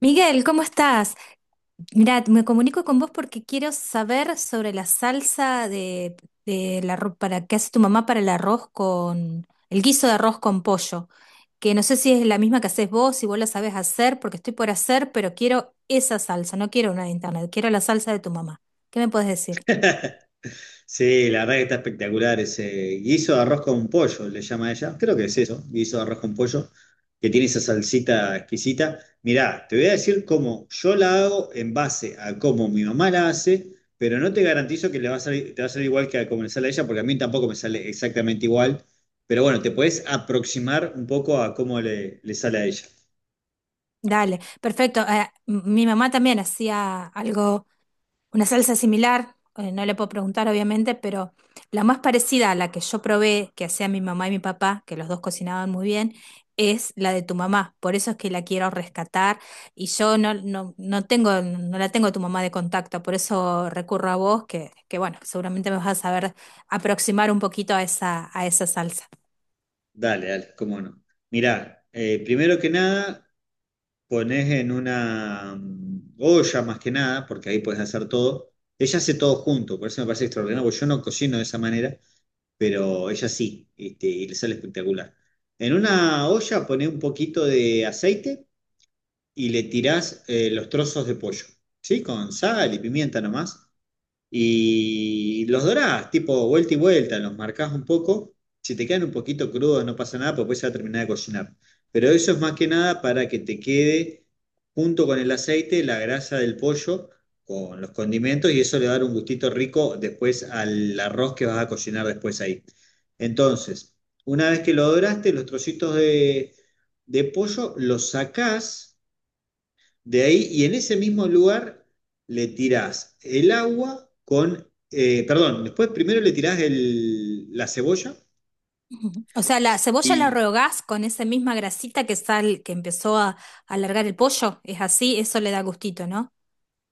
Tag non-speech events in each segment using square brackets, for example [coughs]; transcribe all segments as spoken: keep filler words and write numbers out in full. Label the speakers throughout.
Speaker 1: Miguel, ¿cómo estás? Mira, me comunico con vos porque quiero saber sobre la salsa de, de la, ro- para, que hace tu mamá para el arroz con, el guiso de arroz con pollo, que no sé si es la misma que haces vos, si vos la sabes hacer, porque estoy por hacer, pero quiero esa salsa, no quiero una de internet, quiero la salsa de tu mamá. ¿Qué me puedes decir?
Speaker 2: Sí, la verdad que está espectacular ese guiso de arroz con pollo, le llama ella. Creo que es eso, guiso de arroz con pollo, que tiene esa salsita exquisita. Mirá, te voy a decir cómo yo la hago en base a cómo mi mamá la hace, pero no te garantizo que le va a salir, te va a salir igual que a como le sale a ella, porque a mí tampoco me sale exactamente igual. Pero bueno, te puedes aproximar un poco a cómo le, le sale a ella.
Speaker 1: Dale, perfecto. Eh, m- mi mamá también hacía algo. Una salsa similar, eh, no le puedo preguntar obviamente, pero la más parecida a la que yo probé, que hacía mi mamá y mi papá, que los dos cocinaban muy bien, es la de tu mamá. Por eso es que la quiero rescatar y yo no, no, no tengo, no la tengo a tu mamá de contacto, por eso recurro a vos, que, que bueno, seguramente me vas a saber aproximar un poquito a esa, a esa salsa.
Speaker 2: Dale, dale, cómo no. Mirá, eh, primero que nada. Pones en una mm, olla más que nada, porque ahí puedes hacer todo. Ella hace todo junto, por eso me parece extraordinario, porque yo no cocino de esa manera, pero ella sí, este, y le sale espectacular. En una olla pones un poquito de aceite y le tirás eh, los trozos de pollo, ¿sí? Con sal y pimienta nomás. Y los dorás, tipo vuelta y vuelta, los marcás un poco. Si te quedan un poquito crudos, no pasa nada, porque después se va a terminar de cocinar. Pero eso es más que nada para que te quede junto con el aceite la grasa del pollo con los condimentos y eso le va a dar un gustito rico después al arroz que vas a cocinar después ahí. Entonces, una vez que lo doraste, los trocitos de, de pollo los sacás de ahí, y en ese mismo lugar le tirás el agua con, eh, perdón, después primero le tirás el- la cebolla
Speaker 1: Ujú. O sea, la cebolla la
Speaker 2: y.
Speaker 1: rehogás con esa misma grasita que sal, que empezó a a alargar el pollo, es así, eso le da gustito, ¿no?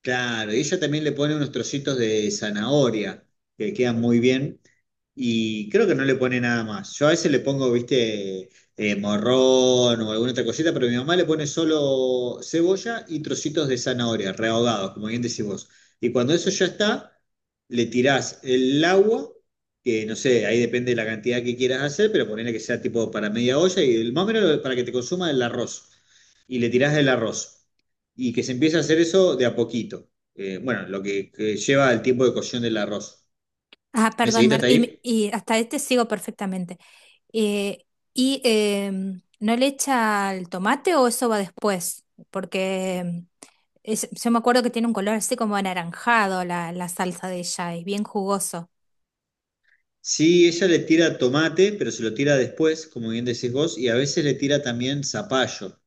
Speaker 2: Claro, y ella también le pone unos trocitos de zanahoria que quedan muy bien y creo que no le pone nada más. Yo a veces le pongo, viste, eh, morrón o alguna otra cosita, pero mi mamá le pone solo cebolla y trocitos de zanahoria, rehogados, como bien decís vos. Y cuando eso ya está, le tirás el agua, que no sé, ahí depende de la cantidad que quieras hacer, pero ponele que sea tipo para media olla y el- más o menos para que te consuma el arroz y le tirás del arroz. Y que se empiece a hacer eso de a poquito. Eh, bueno, lo que, que lleva el tiempo de cocción del arroz.
Speaker 1: Ah,
Speaker 2: ¿Me
Speaker 1: perdón,
Speaker 2: seguiste
Speaker 1: Marta,
Speaker 2: hasta
Speaker 1: y, me-
Speaker 2: ahí?
Speaker 1: y hasta este sigo perfectamente. Eh, ¿y em, no le echa el tomate o eso va después? Porque em, es- yo me acuerdo que tiene un color así como anaranjado la, la salsa de ella, es bien jugoso.
Speaker 2: Sí, ella le tira tomate, pero se lo tira después, como bien decís vos, y a veces le tira también zapallo,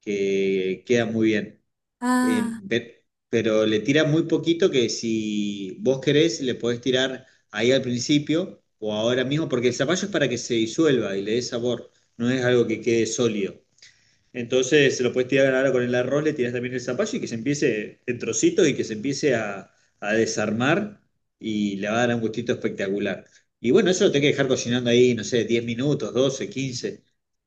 Speaker 2: que queda muy bien. Eh,
Speaker 1: Ah,
Speaker 2: pe- pero le tira muy poquito que si vos querés, le podés tirar ahí al principio o ahora mismo, porque el zapallo es para que se disuelva y le dé sabor, no es algo que quede sólido. Entonces se lo puedes tirar ahora con el arroz, le tiras también el zapallo y que se empiece en trocitos y que se empiece a, a desarmar y le va a dar un gustito espectacular. Y bueno, eso lo tenés que dejar cocinando ahí, no sé, diez minutos, doce, quince,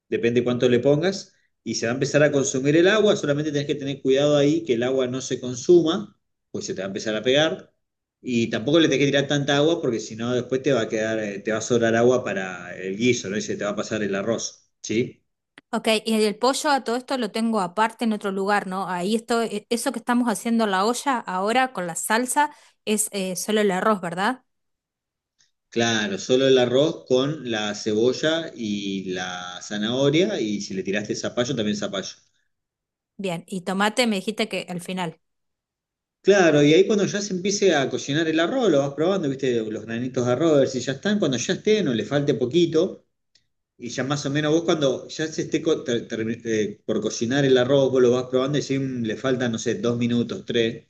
Speaker 2: depende cuánto le pongas. Y se va a empezar a consumir el agua, solamente tenés que tener cuidado ahí que el agua no se consuma, pues se te va a empezar a pegar. Y tampoco le tenés que tirar tanta agua porque si no después te va a quedar, eh, te va a sobrar agua para el guiso, ¿no? Y se te va a pasar el arroz, ¿sí?
Speaker 1: ok, y el pollo a todo esto lo tengo aparte en otro lugar, ¿no? Ahí esto, e- eso que estamos haciendo en la olla ahora con la salsa es eh, solo el arroz, ¿verdad?
Speaker 2: Claro, solo el arroz con la cebolla y la zanahoria y si le tiraste zapallo, también zapallo.
Speaker 1: Bien, y tomate me dijiste que al final.
Speaker 2: Claro, y ahí cuando ya se empiece a cocinar el arroz, lo vas probando, viste, los granitos de arroz, a ver si ya están, cuando ya estén o le falte poquito, y ya más o menos vos cuando ya se esté co- ter- ter- eh, por cocinar el arroz, vos lo vas probando y si le faltan, no sé, dos minutos, tres.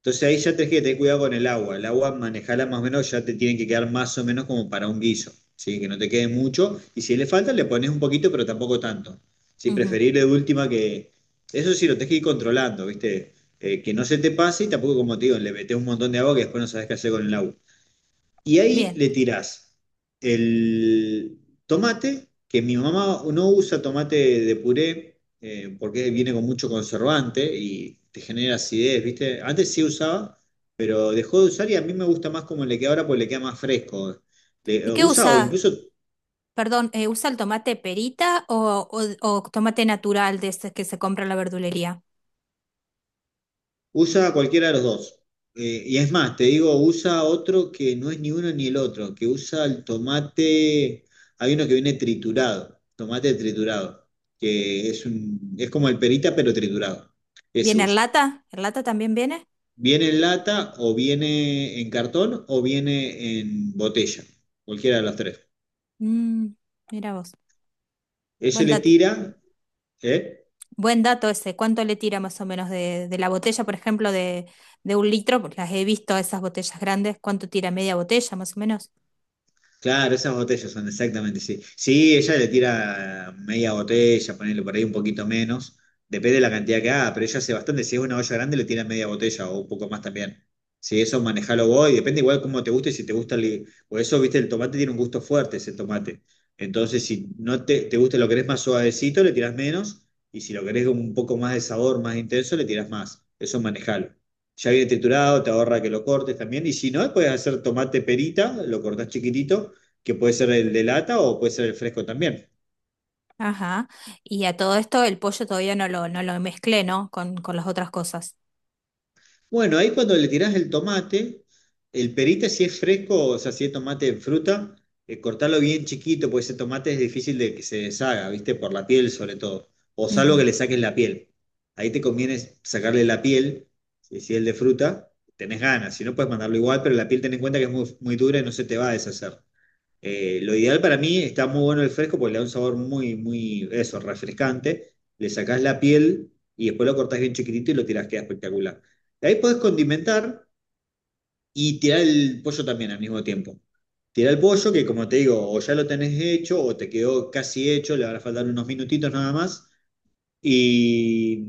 Speaker 2: Entonces ahí ya tenés que tener cuidado con el agua. El agua, manejala más o menos, ya te tiene que quedar más o menos como para un guiso, ¿sí? Que no te quede mucho. Y si le falta, le pones un poquito, pero tampoco tanto. ¿Sí?
Speaker 1: Ujú.
Speaker 2: Preferible de última que... Eso sí, lo tenés que ir controlando, ¿viste? Eh, que no se te pase y tampoco, como te digo, le metes un montón de agua que después no sabés qué hacer con el agua. Y ahí
Speaker 1: Bien.
Speaker 2: le tirás el tomate, que mi mamá no usa tomate de puré eh, porque viene con mucho conservante y te genera acidez, ¿viste? Antes sí usaba, pero dejó de usar y a mí me gusta más como le queda ahora porque le queda más fresco. Le, eh,
Speaker 1: ¿Y qué
Speaker 2: usa o
Speaker 1: usas?
Speaker 2: incluso.
Speaker 1: Perdón, eh, ¿usa el tomate perita o, o- o tomate natural de este que se compra en la verdulería?
Speaker 2: Usa cualquiera de los dos. Eh, y es más, te digo, usa otro que no es ni uno ni el otro, que usa el tomate, hay uno que viene triturado, tomate triturado, que es un, es como el perita pero triturado. Ese
Speaker 1: ¿Viene en
Speaker 2: usa.
Speaker 1: lata? ¿En lata también viene?
Speaker 2: Viene en lata o viene en cartón o viene en botella, cualquiera de los tres.
Speaker 1: Mm, mira vos.
Speaker 2: Ese
Speaker 1: Buen
Speaker 2: le
Speaker 1: dato.
Speaker 2: tira, ¿eh?
Speaker 1: Buen dato ese. ¿Cuánto le tira más o menos de, de la botella, por ejemplo, de, de un litro? Pues las he visto, esas botellas grandes. ¿Cuánto tira media botella más o menos?
Speaker 2: Claro, esas botellas son exactamente, sí. Sí, ella le tira media botella, ponele por ahí un poquito menos, depende de la cantidad que haga, pero ella hace bastante, si es una olla grande le tira media botella o un poco más también. Sí, eso manejalo vos, y depende igual cómo te guste, si te gusta el... Por eso, viste, el tomate tiene un gusto fuerte, ese tomate. Entonces, si no te, te gusta, lo querés más suavecito, le tirás menos, y si lo querés un poco más de sabor, más intenso, le tirás más. Eso manejalo, ya viene triturado, te ahorra que lo cortes también. Y si no, puedes hacer tomate perita, lo cortás chiquitito que puede ser el de lata o puede ser el fresco también.
Speaker 1: Ajá. Y a todo esto el pollo todavía no lo, no lo mezclé, ¿no? Con, con las otras cosas.
Speaker 2: Bueno, ahí cuando le tirás el tomate, el perita si es fresco, o sea, si es tomate en fruta, eh, cortarlo bien chiquito, porque ese tomate es difícil de que se deshaga, ¿viste? Por la piel sobre todo, o salvo
Speaker 1: Ujú.
Speaker 2: que le saques la piel. Ahí te conviene sacarle la piel, si si es el de fruta, tenés ganas, si no puedes mandarlo igual, pero la piel ten en cuenta que es muy, muy dura y no se te va a deshacer. Eh, lo ideal para mí está muy bueno el fresco porque le da un sabor muy, muy, eso, refrescante. Le sacás la piel y después lo cortás bien chiquitito y lo tirás, queda espectacular. De ahí podés condimentar y tirar el pollo también al mismo tiempo. Tirar el pollo que, como te digo, o ya lo tenés hecho o te quedó casi hecho, le van a faltar unos minutitos nada más. Y,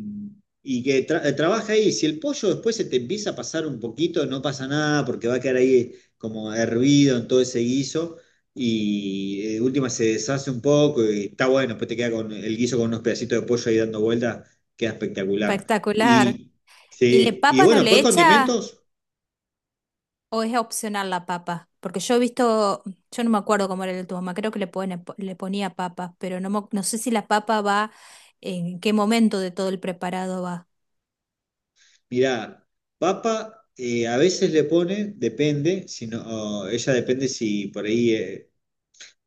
Speaker 2: y que tra- eh, trabaja ahí. Si el pollo después se te empieza a pasar un poquito, no pasa nada porque va a quedar ahí como hervido en todo ese guiso y eh, de última se deshace un poco y está bueno. Después te queda con el guiso con unos pedacitos de pollo ahí dando vueltas, queda espectacular.
Speaker 1: Espectacular.
Speaker 2: Y
Speaker 1: ¿Y le
Speaker 2: sí, y
Speaker 1: papa no
Speaker 2: bueno,
Speaker 1: le
Speaker 2: después
Speaker 1: echa?
Speaker 2: condimentos,
Speaker 1: ¿O es opcional la papa? Porque yo he visto, yo no me acuerdo cómo era el de tu mamá, creo que le, pone- le ponía papas, pero no, mo- no sé si la papa va, en qué momento de todo el preparado va.
Speaker 2: mirá, papa. Eh, a veces le pone, depende, si no, o ella depende si por ahí, eh,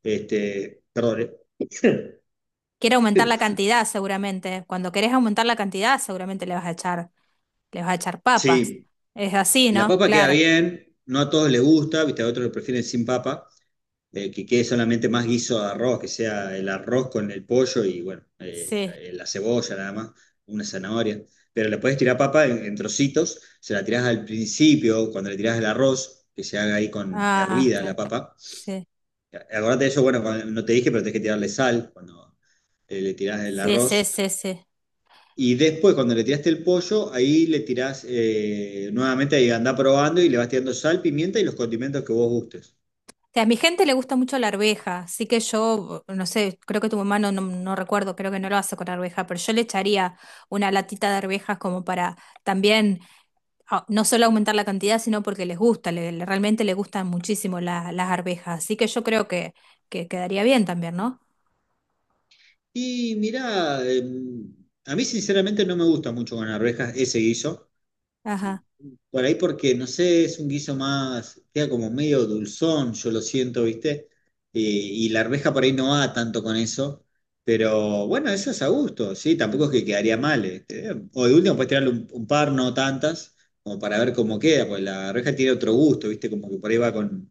Speaker 2: este, perdón, eh, [coughs]
Speaker 1: Quiere aumentar la cantidad seguramente. Cuando querés aumentar la cantidad seguramente le vas a echar, le vas a echar
Speaker 2: [clears throat]
Speaker 1: papas.
Speaker 2: sí,
Speaker 1: Es así,
Speaker 2: la
Speaker 1: ¿no?
Speaker 2: papa queda
Speaker 1: Claro.
Speaker 2: bien, no a todos les gusta, viste, a otros lo prefieren sin papa, eh, que quede solamente más guiso de arroz, que sea el arroz con el pollo y bueno, eh,
Speaker 1: Sí.
Speaker 2: eh, la cebolla nada más, una zanahoria. Pero le puedes tirar papa en, en trocitos, se la tirás al principio, cuando le tirás el arroz, que se haga ahí con
Speaker 1: Ah,
Speaker 2: hervida la
Speaker 1: claro.
Speaker 2: papa.
Speaker 1: Sí.
Speaker 2: Acordate de eso, bueno, cuando- no te dije, pero tenés que tirarle sal cuando eh, le tirás el
Speaker 1: Sí, sí,
Speaker 2: arroz
Speaker 1: sí, sí.
Speaker 2: y después, cuando le tiraste el pollo, ahí le tirás eh, nuevamente, ahí andá probando y le vas tirando sal, pimienta y los condimentos que vos gustes.
Speaker 1: O sea, a mi gente le gusta mucho la arveja, así que yo, no sé, creo que tu mamá no, no, no recuerdo, creo que no lo hace con arveja, pero yo le echaría una latita de arvejas como para también, ah, no solo aumentar la cantidad, sino porque les gusta, le- le- realmente les gustan muchísimo la- las arvejas, así que yo creo que, que quedaría bien también, ¿no?
Speaker 2: Y mirá, eh, a mí sinceramente no me gusta mucho con arvejas ese guiso.
Speaker 1: Ajá,
Speaker 2: Por ahí porque, no sé, es un guiso más, queda como medio dulzón, yo lo siento, ¿viste? Eh, y la arveja por ahí no va tanto con eso, pero bueno, eso es a gusto, ¿sí? Tampoco es que quedaría mal. este, eh. O de último puedes tirarle un, un par, no tantas, como para ver cómo queda, porque la arveja tiene otro gusto, ¿viste? Como que por ahí va con,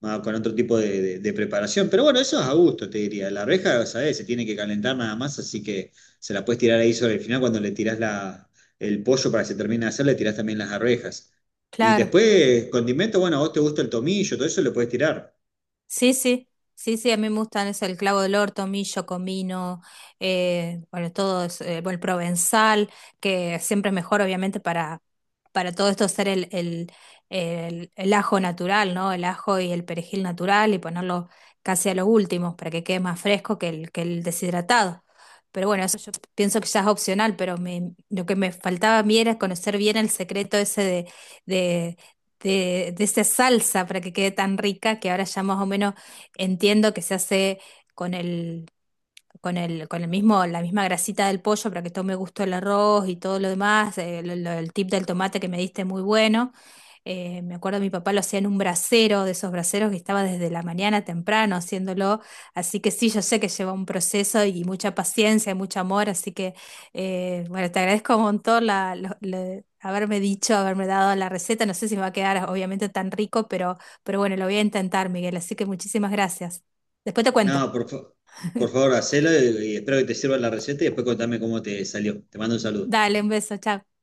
Speaker 2: más con otro tipo de, de- de preparación. Pero bueno, eso es a gusto, te diría. La arveja, ¿sabes? Se tiene que calentar nada más, así que se la puedes tirar ahí sobre el final cuando le tirás la, el pollo para que se termine de hacer, le tirás también las arvejas. Y
Speaker 1: claro.
Speaker 2: después, condimento, bueno, a vos te gusta el tomillo, todo eso le puedes tirar.
Speaker 1: Sí, sí, sí, sí, a mí me gustan es el clavo del orto, tomillo, comino, eh, bueno, todo es, eh, bueno, el provenzal, que siempre es mejor, obviamente, para, para todo esto hacer el, el, el, el ajo natural, ¿no? El ajo y el perejil natural y ponerlo casi a los últimos para que quede más fresco que el, que el deshidratado. Pero bueno, eso yo pienso que ya es opcional, pero me, lo que me faltaba a mí era conocer bien el secreto ese de, de, de esa salsa para que quede tan rica, que ahora ya más o menos entiendo que se hace con el, con el, con el mismo, la misma grasita del pollo para que tome gusto el arroz y todo lo demás, eh, lo- lo- el tip del tomate que me diste muy bueno. Eh, me acuerdo mi papá lo hacía en un brasero, de esos braseros que estaba desde la mañana temprano haciéndolo, así que sí, yo sé que lleva un proceso y mucha paciencia y mucho amor, así que eh, bueno, te agradezco un montón la, lo- lo- haberme dicho, haberme dado la receta, no sé si me va a quedar obviamente tan rico, pero, pero bueno, lo voy a intentar, Miguel, así que muchísimas gracias. Después te cuento.
Speaker 2: No, por, fa- por favor, hacelo y y espero que te sirva la receta y después contame cómo te salió. Te mando un saludo.
Speaker 1: Dale, un beso, chao.